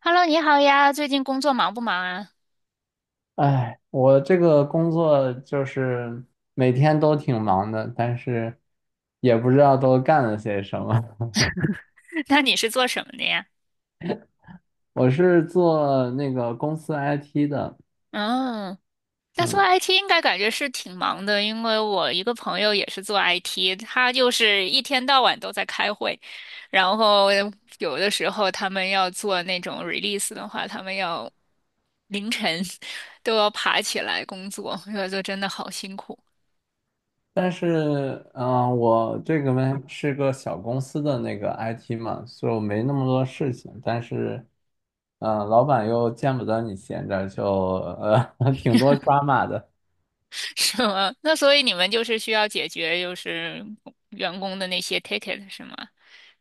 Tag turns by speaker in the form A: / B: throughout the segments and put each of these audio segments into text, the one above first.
A: Hello，你好呀，最近工作忙不忙啊？
B: 哎，我这个工作就是每天都挺忙的，但是也不知道都干了些什么。
A: 那你是做什么的呀？
B: 我是做那个公司 IT 的。
A: 嗯，那做
B: 嗯，
A: IT 应该感觉是挺忙的，因为我一个朋友也是做 IT，他就是一天到晚都在开会，然后有的时候他们要做那种 release 的话，他们要凌晨 都要爬起来工作，这就真的好辛苦。
B: 但是，我这个呢是个小公司的那个 IT 嘛，所以我没那么多事情。但是，老板又见不得你闲着，就挺多抓马的。
A: 是吗？那所以你们就是需要解决员工的那些 ticket 是吗？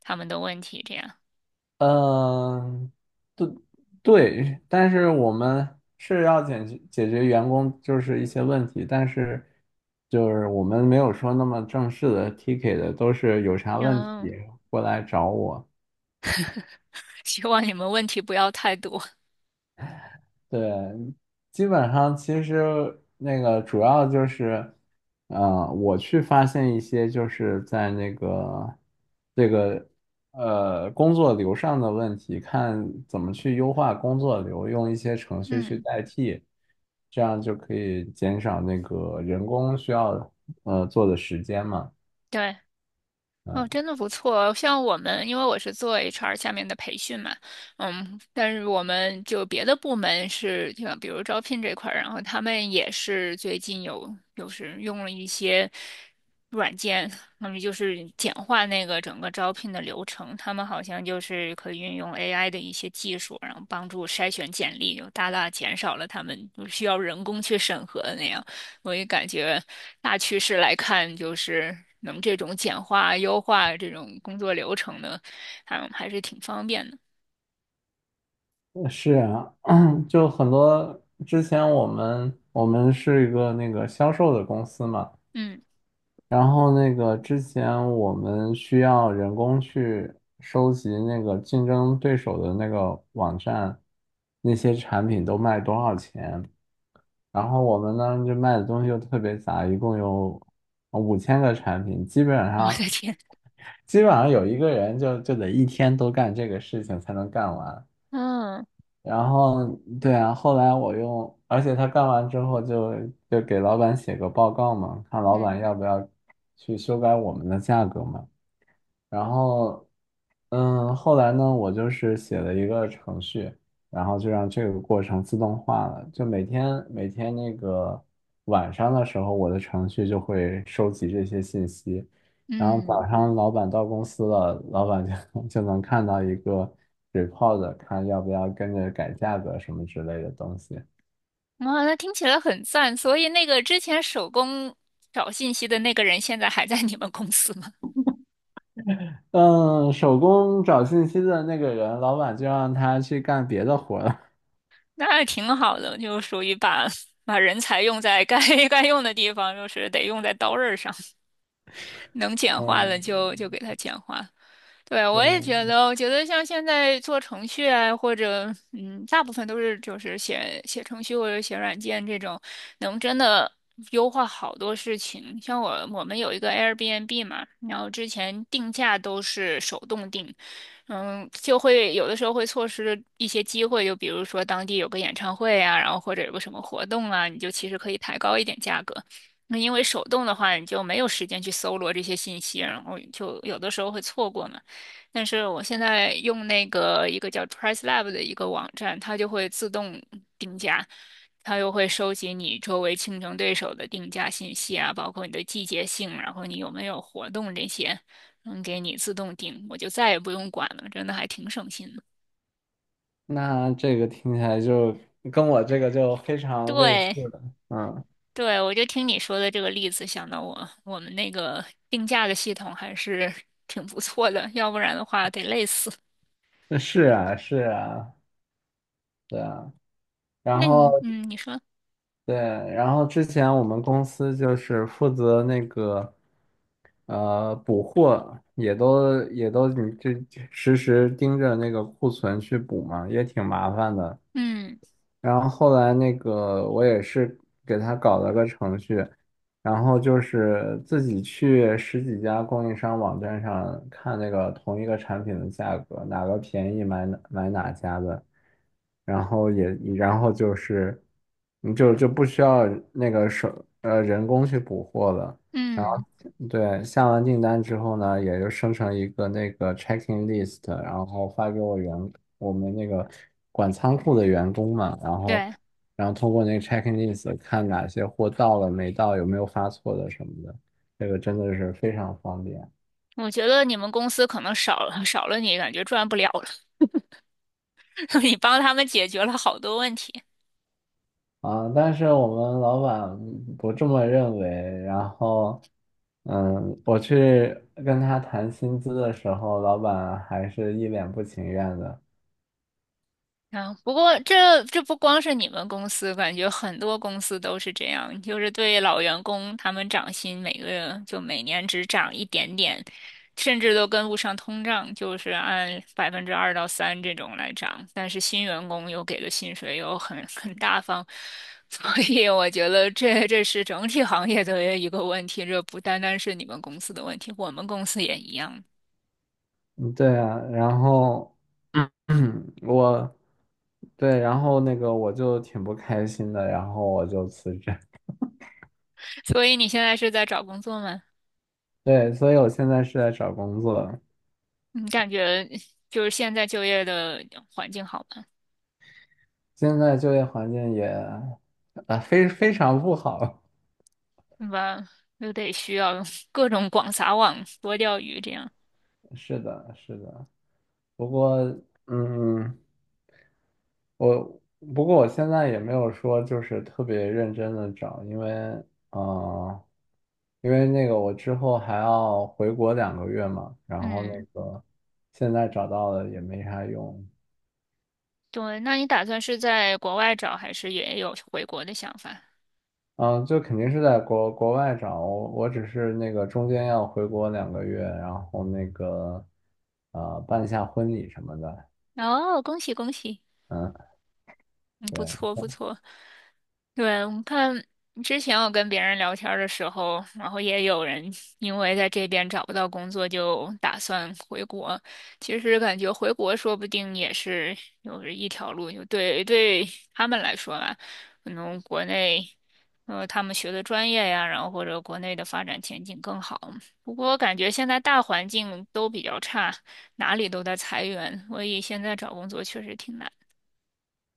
A: 他们的问题这样。
B: 嗯、对，但是我们是要解决员工就是一些问题，但是就是我们没有说那么正式的 ticket 的，都是有啥问题
A: 嗯。
B: 过来找我。
A: 希望你们问题不要太多。
B: 对，基本上其实那个主要就是，我去发现一些就是在那个这个工作流上的问题，看怎么去优化工作流，用一些程序去
A: 嗯，
B: 代替，这样就可以减少那个人工需要做的时间嘛。
A: 对，哦，真的不错。像我们，因为我是做 HR 下面的培训嘛。嗯，但是我们别的部门是，就比如招聘这块儿，然后他们也是最近有，就是用了一些软件，他们就是简化那个整个招聘的流程。他们好像就是可以运用 AI 的一些技术，然后帮助筛选简历，就大大减少了他们需要人工去审核的那样。我也感觉大趋势来看，就是能这种简化、优化这种工作流程的，还是挺方便的。
B: 是啊，就很多之前我们是一个那个销售的公司嘛。
A: 嗯，
B: 然后那个之前我们需要人工去收集那个竞争对手的那个网站，那些产品都卖多少钱。然后我们呢就卖的东西又特别杂，一共有5000个产品，基本
A: 我的
B: 上
A: 天，
B: 基本上有一个人就得一天都干这个事情才能干完。
A: 嗯
B: 然后对啊，后来我用，而且他干完之后就给老板写个报告嘛，看老
A: 嗯
B: 板要不要去修改我们的价格嘛。然后，后来呢，我就是写了一个程序，然后就让这个过程自动化了。就每天每天那个晚上的时候，我的程序就会收集这些信息，然后早
A: 嗯，
B: 上老板到公司了，老板就 就能看到一个 report，看要不要跟着改价格什么之类的东西。
A: 哇，那听起来很赞。所以那个之前手工找信息的那个人，现在还在你们公司吗？
B: 嗯，手工找信息的那个人，老板就让他去干别的活儿了。
A: 那挺好的，就属于把人才用在该 该用的地方，就是得用在刀刃上，能简 化了
B: 嗯，
A: 就给他简化。对，我也觉
B: 对。
A: 得，我觉得像现在做程序啊，或者大部分都是写写程序或者写软件这种，能真的优化好多事情。像我们有一个 Airbnb 嘛，然后之前定价都是手动定，嗯，就会有的时候会错失一些机会，就比如说当地有个演唱会啊，然后或者有个什么活动啊，你就其实可以抬高一点价格。那因为手动的话，你就没有时间去搜罗这些信息，然后就有的时候会错过嘛。但是我现在用那个一个叫 PriceLab 的一个网站，它就会自动定价，它又会收集你周围竞争对手的定价信息啊，包括你的季节性，然后你有没有活动这些，能给你自动定，我就再也不用管了，真的还挺省心的。
B: 那这个听起来就跟我这个就非常类似
A: 对，
B: 的。嗯，
A: 对，我就听你说的这个例子，想到我们那个定价的系统还是 挺不错的，要不然的话得累死。
B: 那是啊，是啊，对啊，然
A: 那
B: 后
A: 你，嗯，你说，
B: 对，然后之前我们公司就是负责那个补货，也都你这实时盯着那个库存去补嘛，也挺麻烦的。
A: 嗯
B: 然后后来那个我也是给他搞了个程序，然后就是自己去十几家供应商网站上看那个同一个产品的价格，哪个便宜买哪家的，然后也就是你就不需要那个人工去补货了。
A: 嗯，
B: 对，下完订单之后呢，也就生成一个那个 checking list，然后发给我们那个管仓库的员工嘛，然后
A: 对。
B: 通过那个 checking list 看哪些货到了没到，有没有发错的什么的，这个真的是非常方便
A: 我觉得你们公司可能少了你，感觉赚不了了。你帮他们解决了好多问题。
B: 啊。但是我们老板不这么认为，然后我去跟他谈薪资的时候，老板还是一脸不情愿的。
A: 啊，不过这不光是你们公司，感觉很多公司都是这样，就是对老员工他们涨薪，每个月每年只涨一点点，甚至都跟不上通胀，就是按2%到3%这种来涨。但是新员工又给的薪水又很大方，所以我觉得这是整体行业的一个问题，这不单单是你们公司的问题，我们公司也一样。
B: 嗯，对啊，然后，我，对，然后那个我就挺不开心的，然后我就辞职。
A: 所以你现在是在找工作吗？
B: 对，所以我现在是在找工作。
A: 你感觉现在就业的环境好吗？
B: 现在就业环境也，啊，非常不好。
A: 对吧？又得需要 各种广撒网、多钓鱼这样。
B: 是的，是的。不过，嗯，我我现在也没有说就是特别认真的找，因为啊，因为那个我之后还要回国两个月嘛，然后那
A: 嗯，
B: 个现在找到了也没啥用。
A: 对。那你打算是在国外找，还是也有回国的想法？
B: 嗯、就肯定是在国外找，我只是那个中间要回国两个月，然后那个办一下婚礼什么的。
A: 哦，恭喜恭喜，
B: 嗯，
A: 嗯，不
B: 对。
A: 错不错。对，我看之前我跟别人聊天儿的时候，然后也有人因为在这边找不到工作，就打算回国。其实感觉回国说不定也是有一条路，就对他们来说吧，可能国内他们学的专业呀，然后或者国内的发展前景更好。不过我感觉现在大环境都比较差，哪里都在裁员，所以现在找工作确实挺难。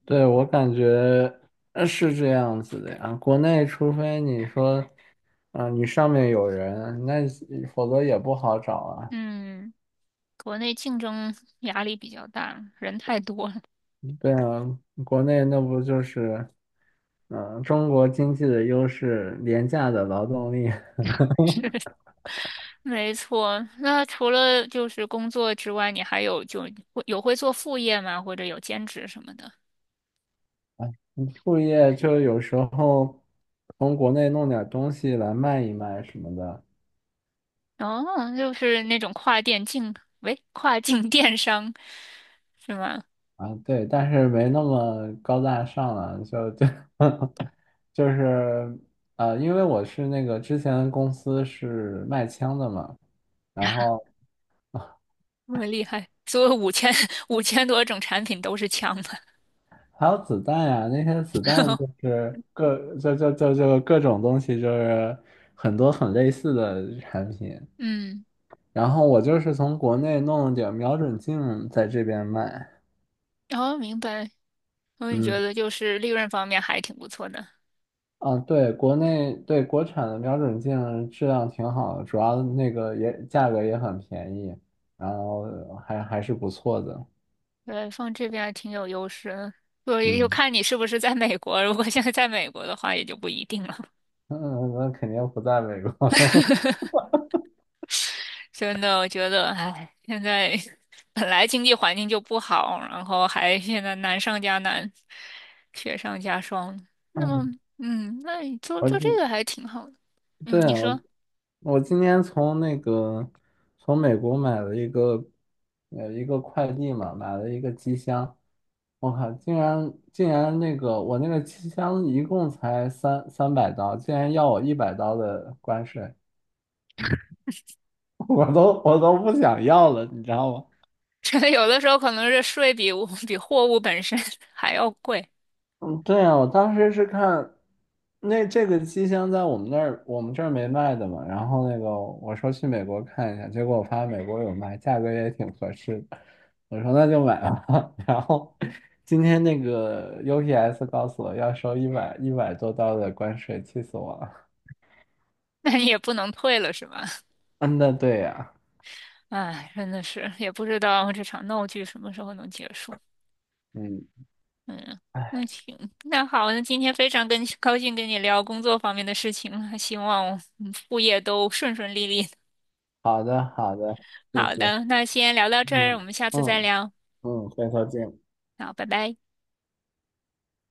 B: 对，我感觉是这样子的呀。国内，除非你说，啊、你上面有人，那否则也不好找啊。
A: 嗯。国内竞争压力比较大，人太多了。
B: 对啊，国内那不就是，中国经济的优势，廉价的劳动力。
A: 没错，那除了工作之外，你还有会做副业吗？或者有兼职什么的？
B: 你副业就有时候从国内弄点东西来卖一卖什么的。
A: 哦，就是那种跨店竞，喂，跨境电商是吗？
B: 啊，对，但是没那么高大上了，就 就是因为我是那个之前的公司是卖枪的嘛，然后
A: 这么厉害，所有五千 五千多种产品都是枪的。
B: 还有子弹呀，那些子弹就 是各就就就就各种东西，就是很多很类似的产品，
A: 嗯，
B: 然后我就是从国内弄了点瞄准镜在这边卖。
A: 哦，明白。所以你
B: 嗯。
A: 觉得就是利润方面还挺不错的。
B: 啊，对，国内对国产的瞄准镜质量挺好的，主要那个也价格也很便宜，然后还是不错的。
A: 对，放这边还挺有优势的，所以就
B: 嗯
A: 看你是不是在美国。如果现在在美国的话，也就不一定了。
B: 嗯，那肯定不在美国。
A: 真的，我觉得，唉，现在本来经济环境就不好，然后还现在难上加难，雪上加霜。那么，
B: 嗯，
A: 嗯，那你做这个
B: 我
A: 还挺好的。嗯，
B: 对，
A: 你
B: 我
A: 说，
B: 我今天从那个从美国买了一个快递嘛，买了一个机箱。我靠，竟然我那个机箱一共才三百刀，竟然要我100刀的关税。我都不想要了，你知道吗？
A: 觉得有的时候可能是税比物比货物本身 还要贵，
B: 嗯，对啊，我当时是看这个机箱在我们那儿，我们这儿没卖的嘛。然后那个我说去美国看一下，结果我发现美国有卖，价格也挺合适的。我说那就买吧。然后今天那个 UPS 告诉我要收一百多刀的关税，气死我了。
A: 那你也不能退了，是吧？
B: 嗯，那对呀、
A: 唉，真的是，也不知道这场闹剧什么时候能结束。
B: 嗯，
A: 嗯，那行，那好，那今天非常高兴跟你聊工作方面的事情了，希望我们副业都顺顺利利。
B: 好的好的，谢
A: 好
B: 谢。
A: 的，那先聊到这儿，
B: 嗯
A: 我们下次再
B: 嗯
A: 聊。
B: 嗯，回头见。
A: 好，拜拜。